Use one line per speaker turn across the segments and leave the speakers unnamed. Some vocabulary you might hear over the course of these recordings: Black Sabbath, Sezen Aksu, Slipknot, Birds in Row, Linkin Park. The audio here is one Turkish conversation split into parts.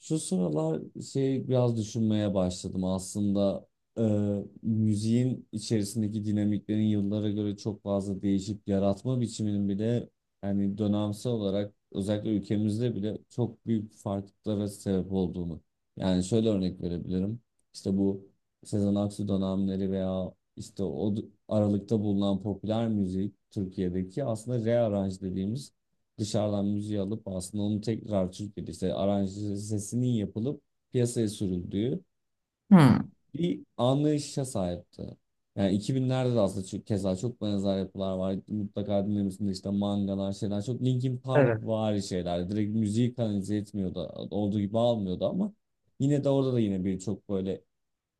Şu sıralar şey biraz düşünmeye başladım aslında e, müziğin içerisindeki dinamiklerin yıllara göre çok fazla değişip yaratma biçiminin bile yani dönemsel olarak özellikle ülkemizde bile çok büyük farklılıklara sebep olduğunu. Yani şöyle örnek verebilirim. İşte bu Sezen Aksu dönemleri veya işte aralıkta bulunan popüler müzik Türkiye'deki aslında rearrange dediğimiz dışarıdan müziği alıp aslında onu tekrar Türkiye'de işte aranjesinin yapılıp piyasaya sürüldüğü
Hmm.
bir anlayışa sahipti. Yani 2000'lerde de aslında çok, keza çok benzer yapılar var. Mutlaka dinlemişsindir işte mangalar şeyler. Çok Linkin Park
Evet.
vari şeyler. Direkt müziği kanalize etmiyordu. Olduğu gibi almıyordu ama yine de orada da yine bir çok böyle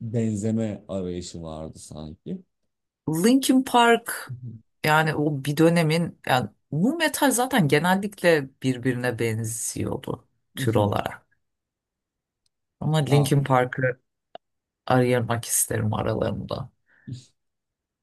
benzeme arayışı vardı sanki.
Linkin Park, o bir dönemin, nu metal zaten genellikle birbirine benziyordu tür olarak. Ama
Ya
Linkin Park'ı ayırmak isterim aralarında.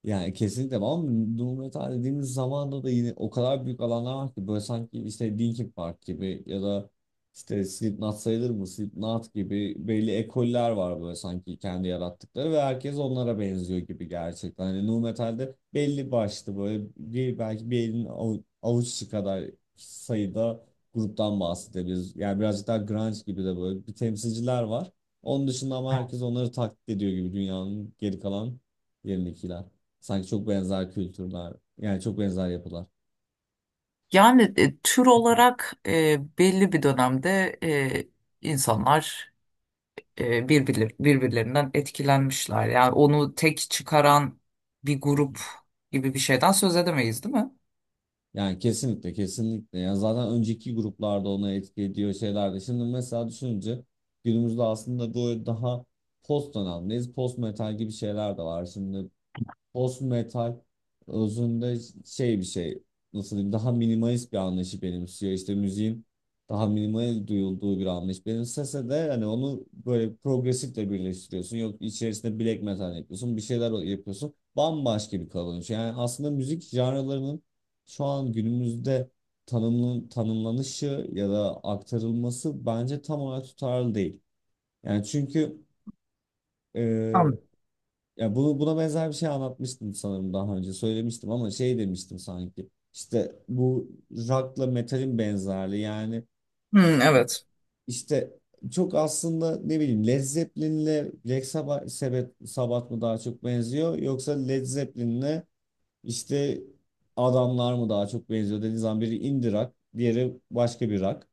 Yani kesinlikle var ama nu metal dediğimiz zamanda da yine o kadar büyük alanlar var ki böyle sanki işte Linkin Park gibi ya da işte Slipknot sayılır mı? Slipknot gibi belli ekoller var böyle sanki kendi yarattıkları ve herkes onlara benziyor gibi gerçekten. Hani nu metalde belli başlı böyle bir, belki bir elin avuççu kadar sayıda gruptan bahsedebiliriz. Yani birazcık daha grunge gibi de böyle bir temsilciler var. Onun dışında ama
Tamam.
herkes onları taklit ediyor gibi dünyanın geri kalan yerindekiler. Sanki çok benzer kültürler. Yani çok benzer yapılar.
Tür olarak, belli bir dönemde, insanlar, e, birbirlerinden etkilenmişler. Yani onu tek çıkaran bir
Hı hı.
grup gibi bir şeyden söz edemeyiz, değil mi?
Yani kesinlikle kesinlikle. Yani zaten önceki gruplarda ona etki ediyor şeyler de. Şimdi mesela düşününce günümüzde aslında böyle daha post dönemdeyiz. Post metal gibi şeyler de var. Şimdi post metal özünde şey bir şey nasıl diyeyim daha minimalist bir anlayışı benimsiyor. İşte müziğin daha minimal duyulduğu bir anlayış benimsese de hani onu böyle progresifle birleştiriyorsun. Yok içerisinde black metal yapıyorsun bir şeyler yapıyorsun. Bambaşka bir kalınış. Yani aslında müzik janralarının şu an günümüzde tanımlanışı ya da aktarılması bence tam olarak tutarlı değil. Yani çünkü ya bu buna benzer bir şey anlatmıştım sanırım daha önce söylemiştim ama şey demiştim sanki işte bu rock'la metalin benzerliği yani
Hmm, evet.
işte çok aslında ne bileyim Led Zeppelin'le Black Sabbath mı daha çok benziyor yoksa Led Zeppelin'le işte adamlar mı daha çok benziyor dediğin zaman biri indie rock diğeri başka bir rock.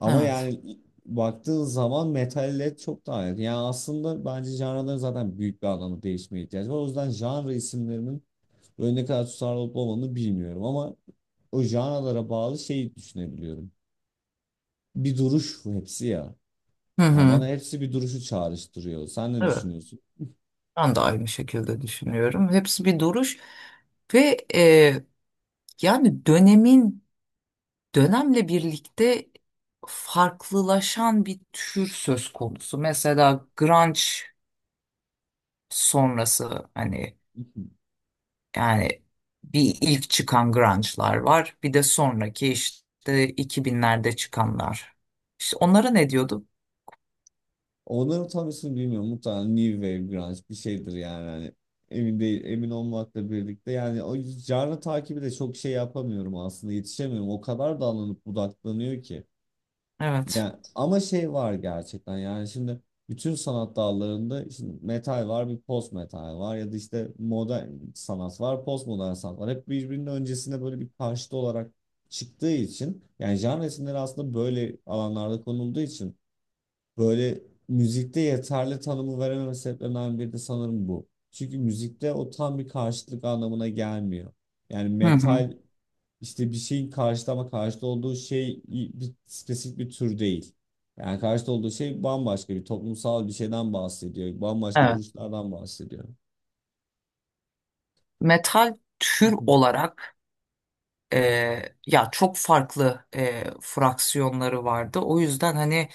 Ama
Evet.
yani baktığın zaman metal led çok daha yakın. Yani aslında bence janraların zaten büyük bir anlamda değişmeye ihtiyacı var. O yüzden janra isimlerinin böyle ne kadar tutarlı olup olmadığını bilmiyorum ama o janralara bağlı şeyi düşünebiliyorum. Bir duruş bu hepsi ya.
Hı
Yani
hı.
bana hepsi bir duruşu çağrıştırıyor. Sen ne
Evet.
düşünüyorsun?
Ben de aynı şekilde düşünüyorum. Hepsi bir duruş ve, yani dönemin, dönemle birlikte farklılaşan bir tür söz konusu. Mesela grunge sonrası, hani, yani bir ilk çıkan grunge'lar var. Bir de sonraki işte 2000'lerde çıkanlar. İşte onlara ne diyordu?
Onların tam ismini bilmiyorum. Muhtemelen New Wave Grunge bir şeydir yani. Hani emin değil, emin olmakla birlikte. Yani o canlı takibi de çok şey yapamıyorum aslında. Yetişemiyorum. O kadar dallanıp budaklanıyor ki.
Evet.
Yani ama şey var gerçekten. Yani şimdi bütün sanat dallarında şimdi metal var, bir post metal var ya da işte modern sanat var, post modern sanat var. Hep birbirinin öncesine böyle bir karşıt olarak çıktığı için yani genre isimleri aslında böyle alanlarda konulduğu için böyle müzikte yeterli tanımı verememe sebeplerinden biri de sanırım bu. Çünkü müzikte o tam bir karşıtlık anlamına gelmiyor. Yani
Hı hı.
metal işte bir şeyin karşıtı ama karşıtı olduğu şey bir spesifik bir tür değil. Yani karşıtı olduğu şey bambaşka bir toplumsal bir şeyden bahsediyor. Bambaşka
Evet.
duruşlardan bahsediyor.
Metal
Hı
tür
hı.
olarak ya çok farklı fraksiyonları vardı. O yüzden hani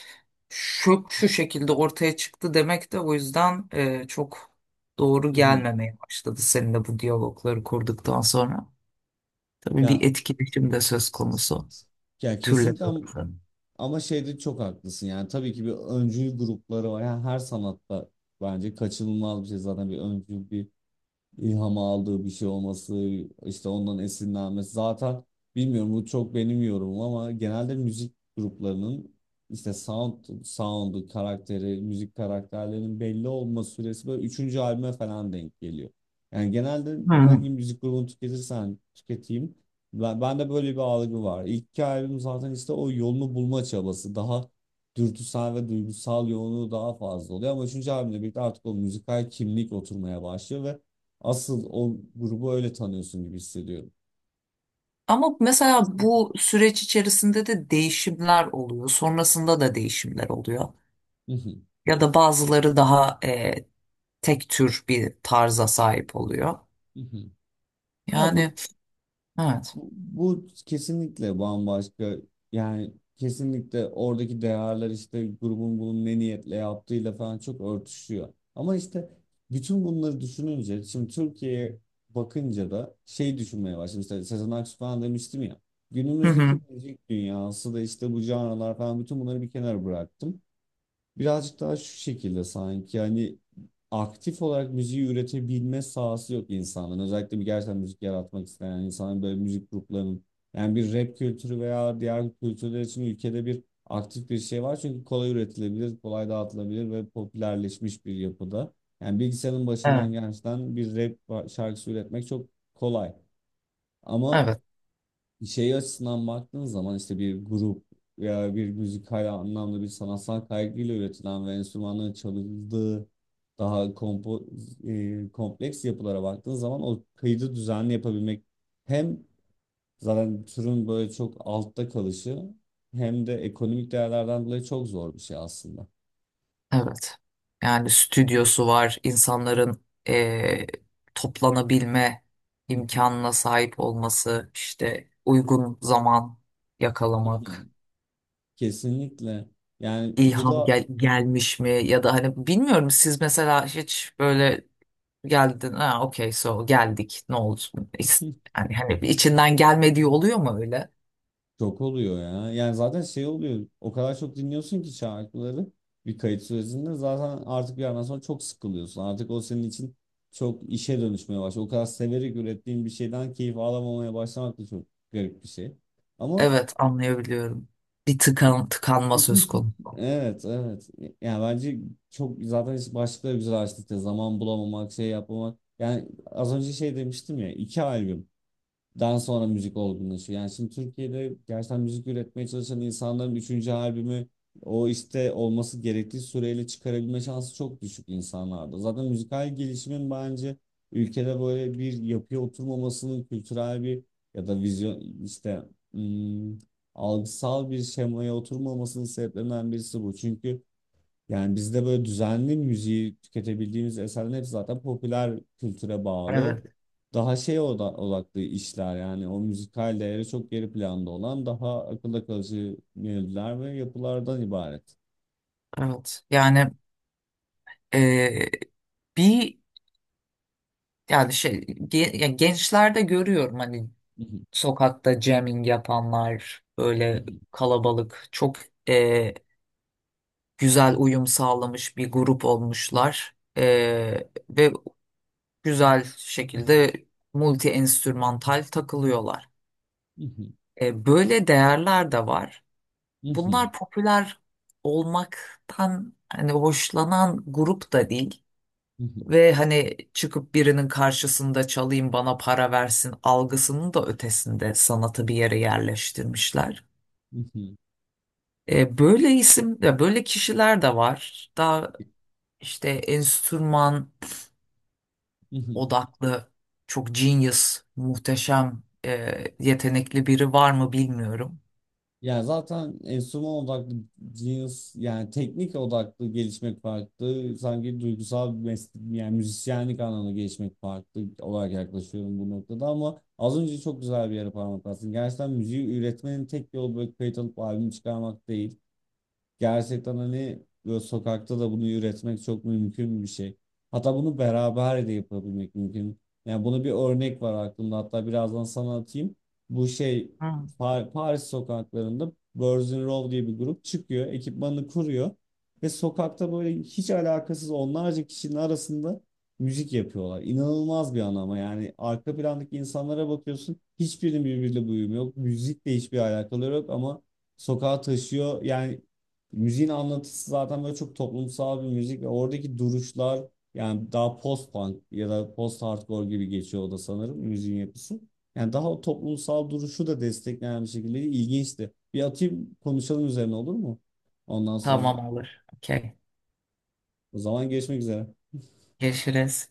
şu şu şekilde ortaya çıktı demek de o yüzden çok doğru
Hı hı.
gelmemeye başladı seninle bu diyalogları kurduktan sonra. Tabii
Ya,
bir etkileşim de söz konusu
ya,
türler
kesinlikle am-
arasında.
ama şeyde çok haklısın. Yani tabii ki bir öncül grupları var. Yani her sanatta bence kaçınılmaz bir şey zaten bir öncül bir ilham aldığı bir şey olması, işte ondan esinlenmesi. Zaten bilmiyorum bu çok benim yorumum ama genelde müzik gruplarının işte sound'u, karakteri, müzik karakterlerinin belli olma süresi böyle üçüncü albüme falan denk geliyor. Yani genelde
Hı.
hangi müzik grubunu tüketirsen tüketeyim. Bende böyle bir algı var. İlk iki albüm zaten işte o yolunu bulma çabası. Daha dürtüsel ve duygusal yoğunluğu daha fazla oluyor. Ama üçüncü albümle birlikte artık o müzikal kimlik oturmaya başlıyor ve asıl o grubu öyle tanıyorsun gibi hissediyorum.
Ama mesela bu süreç içerisinde de değişimler oluyor. Sonrasında da değişimler oluyor.
Hı hı,
Ya da bazıları daha tek tür bir tarza sahip oluyor.
hı hı. Ya
Yani
bu,
evet.
bu bu kesinlikle bambaşka yani kesinlikle oradaki değerler işte grubun bunu ne niyetle yaptığıyla falan çok örtüşüyor. Ama işte bütün bunları düşününce şimdi Türkiye'ye bakınca da şey düşünmeye başladım. İşte Sezen Aksu falan demiştim ya.
Hı
Günümüzdeki
hı.
müzik dünyası da işte bu canlılar falan bütün bunları bir kenara bıraktım. Birazcık daha şu şekilde sanki hani aktif olarak müziği üretebilme sahası yok insanların. Özellikle bir gerçekten müzik yaratmak isteyen insanların böyle müzik gruplarının yani bir rap kültürü veya diğer kültürler için ülkede bir aktif bir şey var. Çünkü kolay üretilebilir, kolay dağıtılabilir ve popülerleşmiş bir yapıda. Yani bilgisayarın başından
Evet,
gerçekten bir rap şarkısı üretmek çok kolay. Ama
evet,
şey açısından baktığın zaman işte bir grup veya bir müzikal anlamda bir sanatsal kaygıyla üretilen ve enstrümanların çalındığı daha kompleks yapılara baktığın zaman o kaydı düzenli yapabilmek hem zaten türün böyle çok altta kalışı hem de ekonomik değerlerden dolayı çok zor bir şey aslında.
evet. Yani stüdyosu var, insanların toplanabilme imkanına sahip olması, işte uygun zaman yakalamak,
Kesinlikle. Yani bu
ilham
da
gelmiş mi, ya da hani bilmiyorum, siz mesela hiç böyle geldin, ha okey so geldik ne oldu? İs- Yani hani içinden gelmediği oluyor mu öyle?
çok oluyor ya. Yani zaten şey oluyor. O kadar çok dinliyorsun ki şarkıları bir kayıt sürecinde zaten artık bir yerden sonra çok sıkılıyorsun. Artık o senin için çok işe dönüşmeye başlıyor. O kadar severek ürettiğin bir şeyden keyif alamamaya başlamak da çok garip bir şey. Ama
Evet, anlayabiliyorum. Bir tıkanma söz konusu.
evet evet. Yani bence çok zaten işte başlıkları güzel açtık ya. Zaman bulamamak, şey yapmamak. Yani az önce şey demiştim ya. İki albüm dan sonra müzik olgunlaşıyor. Yani şimdi Türkiye'de gerçekten müzik üretmeye çalışan insanların üçüncü albümü o işte olması gerektiği süreyle çıkarabilme şansı çok düşük insanlarda. Zaten müzikal gelişimin bence ülkede böyle bir yapıya oturmamasının kültürel bir ya da vizyon işte ım, algısal bir şemaya oturmamasının sebeplerinden birisi bu. Çünkü yani bizde böyle düzenli müziği tüketebildiğimiz eserlerin hepsi zaten popüler kültüre bağlı.
Evet,
Daha şey odaklı işler yani o müzikal değeri çok geri planda olan daha akılda kalıcı melodiler ve yapılardan ibaret.
evet. Eee, bir yani ya gençlerde görüyorum, hani sokakta jamming yapanlar, böyle kalabalık çok, eee, güzel uyum sağlamış bir grup olmuşlar. Ve güzel şekilde multi enstrümantal takılıyorlar. Böyle değerler de var. Bunlar popüler olmaktan hani hoşlanan grup da değil ve hani çıkıp birinin karşısında çalayım bana para versin algısının da ötesinde sanatı bir yere yerleştirmişler. Böyle isim, ya böyle kişiler de var. Daha işte enstrüman odaklı çok genius, muhteşem, yetenekli biri var mı bilmiyorum.
Yani zaten enstrüman odaklı cins yani teknik odaklı gelişmek farklı. Sanki duygusal bir meslek yani müzisyenlik anlamında gelişmek farklı olarak yaklaşıyorum bu noktada ama az önce çok güzel bir yere parmak bastın. Gerçekten müziği üretmenin tek yolu böyle kayıt alıp albüm çıkarmak değil. Gerçekten hani böyle sokakta da bunu üretmek çok mümkün bir şey. Hatta bunu beraber de yapabilmek mümkün. Yani buna bir örnek var aklımda. Hatta birazdan sana atayım. Bu şey
Hmm.
Paris sokaklarında Birds in Row diye bir grup çıkıyor. Ekipmanını kuruyor. Ve sokakta böyle hiç alakasız onlarca kişinin arasında müzik yapıyorlar. İnanılmaz bir an ama yani arka plandaki insanlara bakıyorsun. Hiçbirinin birbiriyle bir uyumu yok. Müzikle hiçbir alakaları yok ama sokağa taşıyor. Yani müziğin anlatısı zaten böyle çok toplumsal bir müzik ve oradaki duruşlar yani daha post punk ya da post hardcore gibi geçiyor o da sanırım müziğin yapısı. Yani daha o toplumsal duruşu da destekleyen bir şekilde ilginçti. Bir atayım konuşalım üzerine olur mu? Ondan sonra.
Tamam, olur. Okey.
O zaman görüşmek üzere.
Görüşürüz.